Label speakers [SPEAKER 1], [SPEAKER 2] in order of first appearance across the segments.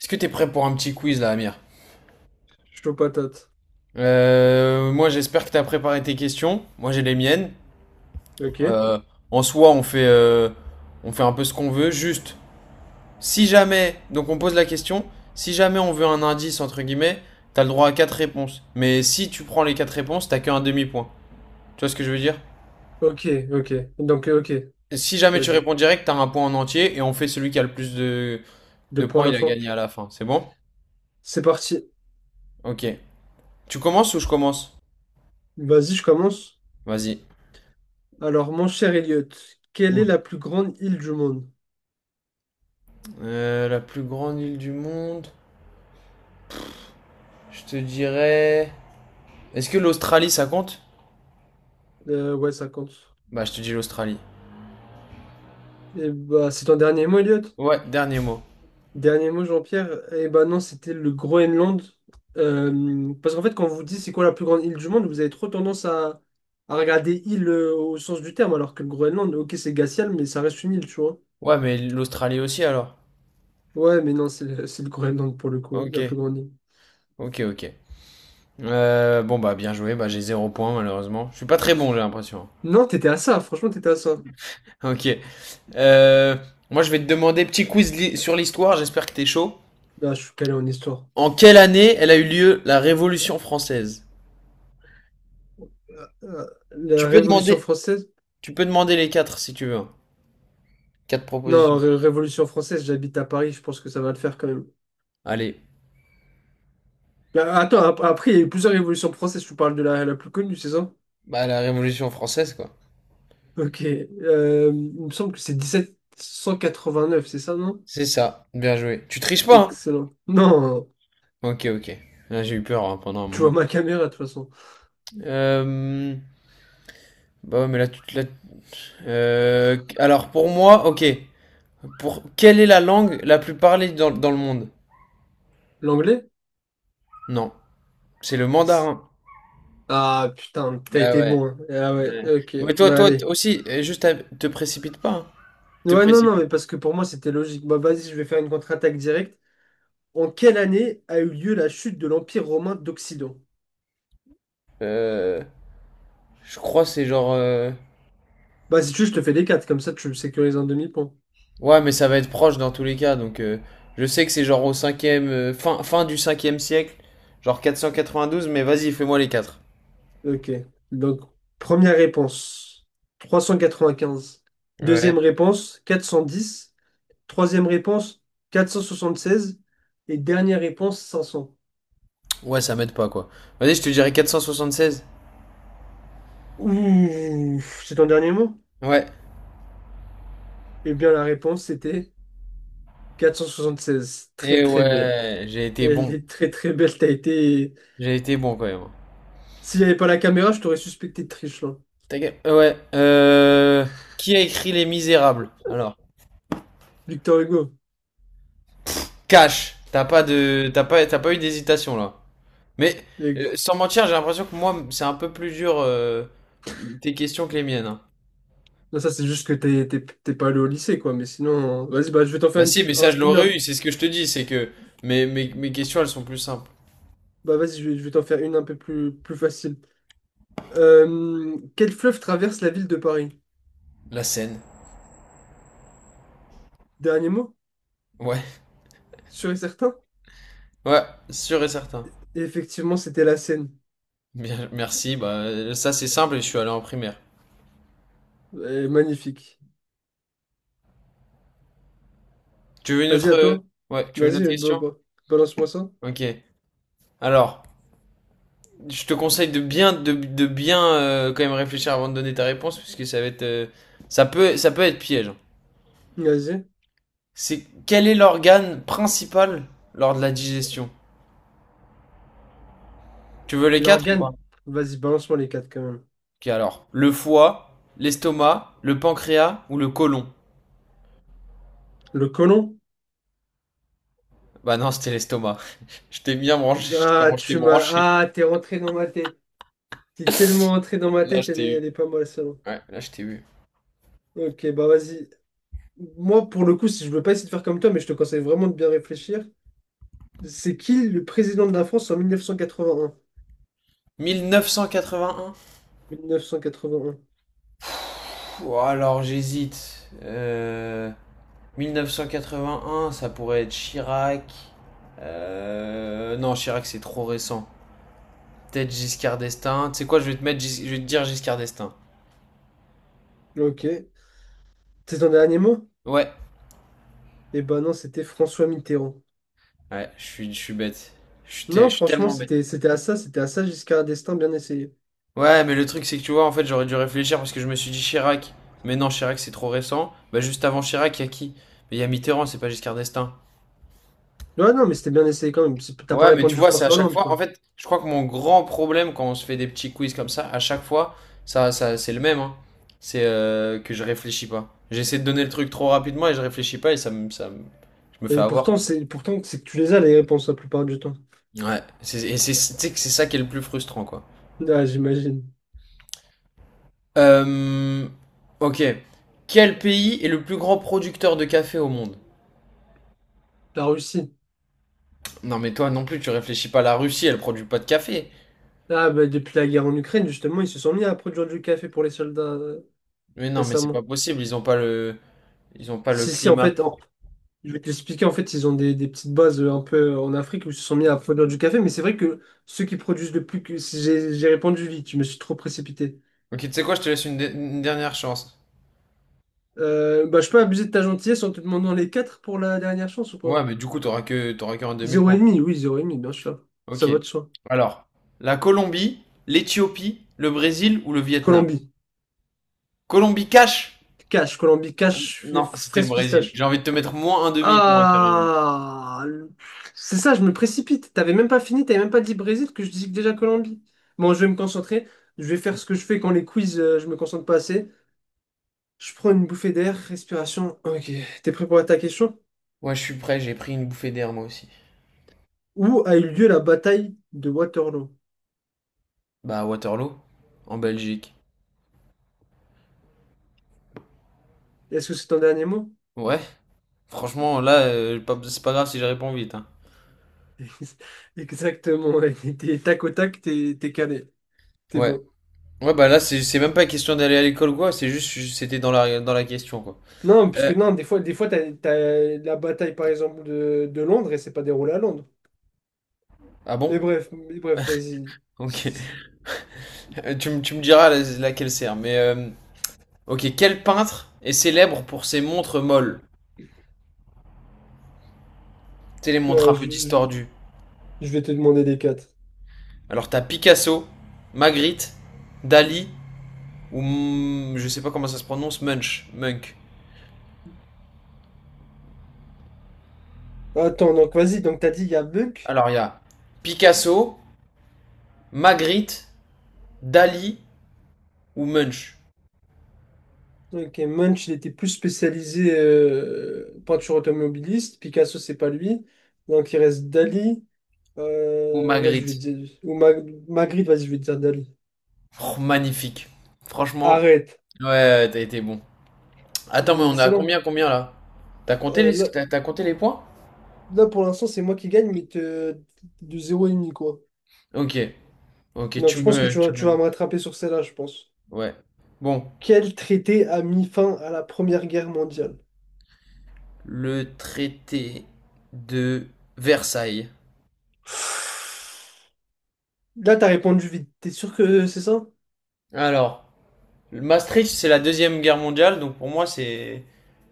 [SPEAKER 1] Est-ce que t'es prêt pour un petit quiz là, Amir?
[SPEAKER 2] Chaud patate.
[SPEAKER 1] Moi, j'espère que t'as préparé tes questions. Moi, j'ai les miennes.
[SPEAKER 2] Ok.
[SPEAKER 1] Euh, en soi, on fait un peu ce qu'on veut. Juste, si jamais, donc on pose la question, si jamais on veut un indice entre guillemets, t'as le droit à quatre réponses. Mais si tu prends les quatre réponses, t'as qu'un demi-point. Tu vois ce que je veux dire?
[SPEAKER 2] Ok, ok. Donc, ok.
[SPEAKER 1] Si jamais tu
[SPEAKER 2] Vas-y.
[SPEAKER 1] réponds direct, t'as un point en entier et on fait celui qui a le plus de
[SPEAKER 2] Deux points à
[SPEAKER 1] points, il
[SPEAKER 2] la
[SPEAKER 1] a
[SPEAKER 2] fin.
[SPEAKER 1] gagné à la fin. C'est bon?
[SPEAKER 2] C'est parti.
[SPEAKER 1] Ok. Tu commences ou je commence?
[SPEAKER 2] Vas-y, je commence.
[SPEAKER 1] Vas-y.
[SPEAKER 2] Alors, mon cher Elliot, quelle est
[SPEAKER 1] Hmm.
[SPEAKER 2] la plus grande île du monde?
[SPEAKER 1] La plus grande île du monde. Je te dirais. Est-ce que l'Australie ça compte?
[SPEAKER 2] Ouais, ça compte.
[SPEAKER 1] Bah, je te dis l'Australie.
[SPEAKER 2] Et bah, c'est ton dernier mot, Elliot?
[SPEAKER 1] Ouais, dernier mot.
[SPEAKER 2] Dernier mot, Jean-Pierre? Eh bah non, c'était le Groenland. Parce qu'en fait, quand on vous dit c'est quoi la plus grande île du monde, vous avez trop tendance à regarder île, au sens du terme, alors que le Groenland, ok, c'est glacial, mais ça reste une île, tu vois.
[SPEAKER 1] Ouais, mais l'Australie aussi alors.
[SPEAKER 2] Ouais, mais non, c'est le Groenland pour le coup,
[SPEAKER 1] Ok,
[SPEAKER 2] la plus grande île.
[SPEAKER 1] ok, ok. Bon, bah, bien joué. Bah, j'ai zéro point malheureusement. Je suis pas très bon, j'ai l'impression.
[SPEAKER 2] Non, t'étais à ça, franchement, t'étais à ça.
[SPEAKER 1] Ok. Euh, moi, je vais te demander sur l'histoire. J'espère que t'es chaud.
[SPEAKER 2] Là, je suis calé en histoire.
[SPEAKER 1] En quelle année elle a eu lieu la Révolution française? Tu
[SPEAKER 2] La
[SPEAKER 1] peux
[SPEAKER 2] Révolution
[SPEAKER 1] demander,
[SPEAKER 2] française?
[SPEAKER 1] tu peux demander les quatre si tu veux. Quatre
[SPEAKER 2] Non,
[SPEAKER 1] propositions.
[SPEAKER 2] Révolution française, j'habite à Paris, je pense que ça va le faire quand même.
[SPEAKER 1] Allez.
[SPEAKER 2] Là, attends, après, il y a eu plusieurs révolutions françaises, tu parles de la plus connue, c'est ça?
[SPEAKER 1] Bah, la Révolution française, quoi.
[SPEAKER 2] Ok. Il me semble que c'est 1789, c'est ça, non?
[SPEAKER 1] C'est ça. Bien joué. Tu triches pas, hein?
[SPEAKER 2] Excellent. Non,
[SPEAKER 1] Ok, ok. Là, j'ai eu peur hein, pendant un
[SPEAKER 2] tu vois
[SPEAKER 1] moment.
[SPEAKER 2] ma caméra, de toute façon.
[SPEAKER 1] Euh... Bah ouais, mais là, tu te Alors, pour moi, ok. Quelle est la langue la plus parlée dans le monde?
[SPEAKER 2] L'anglais?
[SPEAKER 1] Non, c'est le mandarin.
[SPEAKER 2] Ah, putain, t'as
[SPEAKER 1] Bah
[SPEAKER 2] été
[SPEAKER 1] ouais,
[SPEAKER 2] bon, hein. Ah ouais,
[SPEAKER 1] ouais.
[SPEAKER 2] ok,
[SPEAKER 1] Mais toi,
[SPEAKER 2] bah allez.
[SPEAKER 1] aussi, juste, te précipite pas, hein. Te
[SPEAKER 2] Ouais, non, non,
[SPEAKER 1] précipite.
[SPEAKER 2] mais parce que pour moi, c'était logique. Bah, vas-y, je vais faire une contre-attaque directe. En quelle année a eu lieu la chute de l'Empire romain d'Occident?
[SPEAKER 1] Euh... Je crois que c'est genre...
[SPEAKER 2] Bah, si tu veux, je te fais les quatre, comme ça tu sécurises un demi-point.
[SPEAKER 1] Ouais, mais ça va être proche dans tous les cas. Donc, je sais que c'est genre au cinquième... fin du cinquième siècle. Genre quatre-vingt-douze, cent quatre-vingt-douze, mais vas-y, fais-moi les quatre.
[SPEAKER 2] Ok. Donc, première réponse, 395.
[SPEAKER 1] Ouais.
[SPEAKER 2] Deuxième réponse, 410. Troisième réponse, 476. Et dernière réponse, 500.
[SPEAKER 1] Ouais, ça m'aide pas, quoi. Vas-y, je te dirais 476.
[SPEAKER 2] Ouh, c'est ton dernier mot?
[SPEAKER 1] Ouais.
[SPEAKER 2] Eh bien, la réponse, c'était 476. Très,
[SPEAKER 1] Et
[SPEAKER 2] très belle.
[SPEAKER 1] ouais, j'ai été
[SPEAKER 2] Elle
[SPEAKER 1] bon.
[SPEAKER 2] est très, très belle. T'as été.
[SPEAKER 1] J'ai été bon quand même.
[SPEAKER 2] S'il n'y avait pas la caméra, je t'aurais suspecté de triche, là.
[SPEAKER 1] Ta gueule. Ouais. Qui a écrit Les Misérables? Alors,
[SPEAKER 2] Victor Hugo.
[SPEAKER 1] cash. T'as pas t'as pas eu d'hésitation là. Mais sans mentir, j'ai l'impression que moi, c'est un peu plus dur tes questions que les miennes, hein.
[SPEAKER 2] Non, ça, c'est juste que t'es pas allé au lycée, quoi. Mais sinon, vas-y, bah, je vais t'en faire
[SPEAKER 1] Bah si, mais ça je l'aurais eu. C'est ce que je te dis, c'est que mes questions elles sont plus simples.
[SPEAKER 2] bah, vas-y, je vais t'en faire une un peu plus facile. Quel fleuve traverse la ville de Paris?
[SPEAKER 1] La scène.
[SPEAKER 2] Dernier mot,
[SPEAKER 1] Ouais.
[SPEAKER 2] sûr et certain?
[SPEAKER 1] Ouais, sûr et certain.
[SPEAKER 2] Et effectivement, c'était la Seine.
[SPEAKER 1] Bien, merci. Bah ça c'est simple et je suis allé en primaire.
[SPEAKER 2] Magnifique.
[SPEAKER 1] Tu veux une
[SPEAKER 2] Vas-y,
[SPEAKER 1] autre...
[SPEAKER 2] à toi.
[SPEAKER 1] Ouais, tu veux une autre
[SPEAKER 2] Vas-y,
[SPEAKER 1] question?
[SPEAKER 2] balance-moi ça.
[SPEAKER 1] Ok. Alors, je te conseille de bien quand même réfléchir avant de donner ta réponse, puisque ça va être, ça peut être piège, hein.
[SPEAKER 2] Vas-y.
[SPEAKER 1] C'est quel est l'organe principal lors de la digestion? Tu veux les quatre ou pas?
[SPEAKER 2] L'organe. Vas-y, balance-moi les quatre, quand même.
[SPEAKER 1] Ok, alors, le foie, l'estomac, le pancréas ou le côlon?
[SPEAKER 2] Le côlon?
[SPEAKER 1] Bah non, c'était l'estomac. Je t'ai bien branché.
[SPEAKER 2] Ah,
[SPEAKER 1] Comment je t'ai
[SPEAKER 2] tu m'as.
[SPEAKER 1] branché?
[SPEAKER 2] Ah, t'es rentré dans ma tête. T'es tellement rentré dans ma
[SPEAKER 1] Là,
[SPEAKER 2] tête,
[SPEAKER 1] je
[SPEAKER 2] elle
[SPEAKER 1] t'ai
[SPEAKER 2] est,
[SPEAKER 1] eu.
[SPEAKER 2] elle est pas mal, celle-là.
[SPEAKER 1] Ouais, là, je t'ai eu.
[SPEAKER 2] Ok, bah vas-y. Moi, pour le coup, si je veux pas essayer de faire comme toi, mais je te conseille vraiment de bien réfléchir, c'est qui le président de la France en mille neuf cent quatre-vingt-un?
[SPEAKER 1] 1981?
[SPEAKER 2] Mille neuf cent quatre-vingt
[SPEAKER 1] Pouh, alors, j'hésite. Mille neuf cent quatre-vingt un ça pourrait être Chirac. Non, Chirac, c'est trop récent. Peut-être Giscard d'Estaing. Tu sais quoi, je vais je vais te dire Giscard d'Estaing.
[SPEAKER 2] un. Ok. C'est ton dernier mot?
[SPEAKER 1] Ouais.
[SPEAKER 2] Eh ben non, c'était François Mitterrand.
[SPEAKER 1] Ouais, je suis bête. Je
[SPEAKER 2] Non,
[SPEAKER 1] suis
[SPEAKER 2] franchement,
[SPEAKER 1] tellement bête.
[SPEAKER 2] c'était à ça, c'était à ça Giscard d'Estaing, bien essayé.
[SPEAKER 1] Ouais, mais le truc, c'est que tu vois, en fait, j'aurais dû réfléchir parce que je me suis dit Chirac. Mais non, Chirac, c'est trop récent. Bah, juste avant Chirac, il y a qui? Mais il y a Mitterrand, c'est pas Giscard d'Estaing.
[SPEAKER 2] Ouais, non, mais c'était bien essayé quand même. T'as pas
[SPEAKER 1] Ouais, mais tu
[SPEAKER 2] répondu
[SPEAKER 1] vois, c'est à
[SPEAKER 2] François
[SPEAKER 1] chaque
[SPEAKER 2] Hollande,
[SPEAKER 1] fois. En
[SPEAKER 2] quoi.
[SPEAKER 1] fait, je crois que mon grand problème quand on se fait des petits quiz comme ça, à chaque fois, ça c'est le même, hein. C'est que je réfléchis pas. J'essaie de donner le truc trop rapidement et je réfléchis pas et je me fais
[SPEAKER 2] Et
[SPEAKER 1] avoir.
[SPEAKER 2] pourtant, c'est que tu les as les réponses la plupart du temps.
[SPEAKER 1] Ouais. Et c'est, tu sais que c'est ça qui est le plus frustrant, quoi.
[SPEAKER 2] Ah, j'imagine.
[SPEAKER 1] Euh, ok. Quel pays est le plus grand producteur de café au monde?
[SPEAKER 2] La Russie.
[SPEAKER 1] Non, mais toi non plus, tu réfléchis pas. La Russie, elle produit pas de café.
[SPEAKER 2] Ah, bah depuis la guerre en Ukraine, justement, ils se sont mis à produire du café pour les soldats,
[SPEAKER 1] Mais non, mais c'est
[SPEAKER 2] récemment.
[SPEAKER 1] pas possible. Ils ont pas le
[SPEAKER 2] Si, si, en
[SPEAKER 1] climat
[SPEAKER 2] fait,
[SPEAKER 1] pour.
[SPEAKER 2] je vais t'expliquer, en fait, ils ont des petites bases, un peu, en Afrique où ils se sont mis à produire du café, mais c'est vrai que ceux qui produisent le plus que, si j'ai répondu vite, je me suis trop précipité.
[SPEAKER 1] Ok, tu sais quoi, je te laisse une dernière chance.
[SPEAKER 2] Bah, je peux abuser de ta gentillesse en te demandant les 4 pour la dernière chance ou
[SPEAKER 1] Ouais,
[SPEAKER 2] pas?
[SPEAKER 1] mais du coup, t'auras qu'un
[SPEAKER 2] Zéro et
[SPEAKER 1] demi-point.
[SPEAKER 2] demi, oui, zéro et demi, bien sûr. Ça
[SPEAKER 1] Ok.
[SPEAKER 2] va de soi.
[SPEAKER 1] Alors, la Colombie, l'Éthiopie, le Brésil ou le Vietnam?
[SPEAKER 2] Colombie,
[SPEAKER 1] Colombie cash?
[SPEAKER 2] Colombie, cash,
[SPEAKER 1] Non, c'était le
[SPEAKER 2] fraise
[SPEAKER 1] Brésil. J'ai
[SPEAKER 2] pistache.
[SPEAKER 1] envie de te mettre moins un demi-point, carrément.
[SPEAKER 2] Ah! C'est ça, je me précipite. T'avais même pas fini, t'avais même pas dit Brésil que je dis déjà Colombie. Bon, je vais me concentrer. Je vais faire ce que je fais quand les quiz, je me concentre pas assez. Je prends une bouffée d'air, respiration. Ok, t'es prêt pour ta question?
[SPEAKER 1] Ouais, je suis prêt, j'ai pris une bouffée d'air, moi aussi.
[SPEAKER 2] Où a eu lieu la bataille de Waterloo?
[SPEAKER 1] Bah, Waterloo, en Belgique.
[SPEAKER 2] Est-ce que c'est ton dernier mot?
[SPEAKER 1] Ouais, franchement, là, c'est pas grave si je réponds vite, hein.
[SPEAKER 2] Exactement, ouais. T'es tac au tac, t'es calé. T'es
[SPEAKER 1] Ouais.
[SPEAKER 2] bon.
[SPEAKER 1] Ouais, bah là, c'est même pas question d'aller à l'école ou quoi, c'est juste, c'était dans la question, quoi.
[SPEAKER 2] Non, parce que
[SPEAKER 1] Euh,
[SPEAKER 2] non, des fois t'as la bataille, par exemple, de Londres et c'est pas déroulé à Londres.
[SPEAKER 1] ah bon?
[SPEAKER 2] Mais bref, vas-y.
[SPEAKER 1] Ok. Tu me laquelle sert, mais... Ok, quel peintre est célèbre pour ses montres molles? C'est les montres un
[SPEAKER 2] Euh,
[SPEAKER 1] peu
[SPEAKER 2] je, je-
[SPEAKER 1] distordues.
[SPEAKER 2] je vais te demander les quatre.
[SPEAKER 1] Alors t'as Picasso, Magritte, Dali ou je sais pas comment ça se prononce, Munch, Munk.
[SPEAKER 2] Attends, donc vas-y, donc t'as dit il y a Buck.
[SPEAKER 1] Alors il y a Picasso, Magritte, Dali ou Munch
[SPEAKER 2] Ok, Munch, il était plus spécialisé, peinture automobiliste. Picasso, c'est pas lui. Donc, il reste Dali.
[SPEAKER 1] ou
[SPEAKER 2] Vas-y, je vais
[SPEAKER 1] Magritte.
[SPEAKER 2] dire. Ou Magritte, vas-y, je vais dire Dali.
[SPEAKER 1] Oh, magnifique. Franchement,
[SPEAKER 2] Arrête.
[SPEAKER 1] ouais, ouais, t'as été bon.
[SPEAKER 2] Il
[SPEAKER 1] Attends, mais
[SPEAKER 2] est
[SPEAKER 1] on a
[SPEAKER 2] excellent.
[SPEAKER 1] combien, combien là?
[SPEAKER 2] Euh, là,
[SPEAKER 1] T'as compté les points?
[SPEAKER 2] là, pour l'instant, c'est moi qui gagne, mais de zéro et demi, quoi.
[SPEAKER 1] Ok, ok,
[SPEAKER 2] Donc, je pense que tu vas, tu vas me rattraper sur celle-là, je pense.
[SPEAKER 1] ouais. Bon.
[SPEAKER 2] Quel traité a mis fin à la Première Guerre mondiale?
[SPEAKER 1] Le traité de Versailles.
[SPEAKER 2] Là, t'as répondu vite. T'es sûr que c'est ça?
[SPEAKER 1] Alors, Maastricht, c'est la deuxième guerre mondiale, donc pour moi, c'est.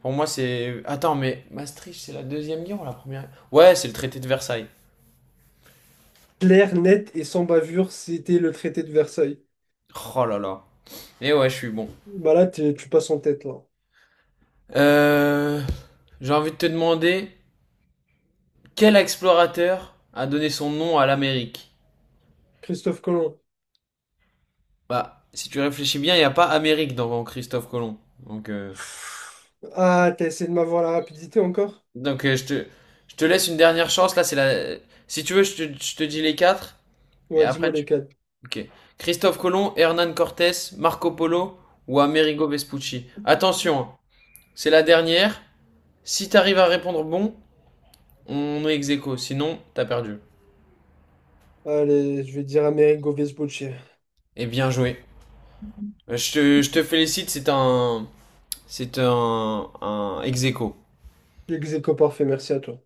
[SPEAKER 1] Pour moi, c'est. Attends, mais Maastricht, c'est la deuxième guerre ou la première? Ouais, c'est le traité de Versailles.
[SPEAKER 2] Clair, net et sans bavure, c'était le traité de Versailles.
[SPEAKER 1] Oh là là. Et ouais, je suis bon.
[SPEAKER 2] Bah là, tu passes en tête, là.
[SPEAKER 1] Euh, J'ai envie de te demander quel explorateur a donné son nom à l'Amérique.
[SPEAKER 2] Christophe Colomb.
[SPEAKER 1] Bah, si tu réfléchis bien, il n'y a pas Amérique dans Christophe Colomb. Donc, euh,
[SPEAKER 2] Ah, t'as essayé de m'avoir la rapidité encore?
[SPEAKER 1] Donc euh, je te, je te laisse une dernière chance. Là, c'est la. Si tu veux, je te dis les quatre. Et
[SPEAKER 2] Ouais,
[SPEAKER 1] après,
[SPEAKER 2] dis-moi
[SPEAKER 1] tu.
[SPEAKER 2] lesquels.
[SPEAKER 1] Ok. Christophe Colomb, Hernán Cortés, Marco Polo ou Amerigo Vespucci. Attention, hein, c'est la dernière. Si t'arrives à répondre bon, on est ex aequo. Sinon, t'as perdu.
[SPEAKER 2] Allez, je vais dire Amerigo Vespucci.
[SPEAKER 1] Et bien joué. Je te félicite, c'est un. C'est un ex aequo.
[SPEAKER 2] L'ex aequo parfait, merci à toi.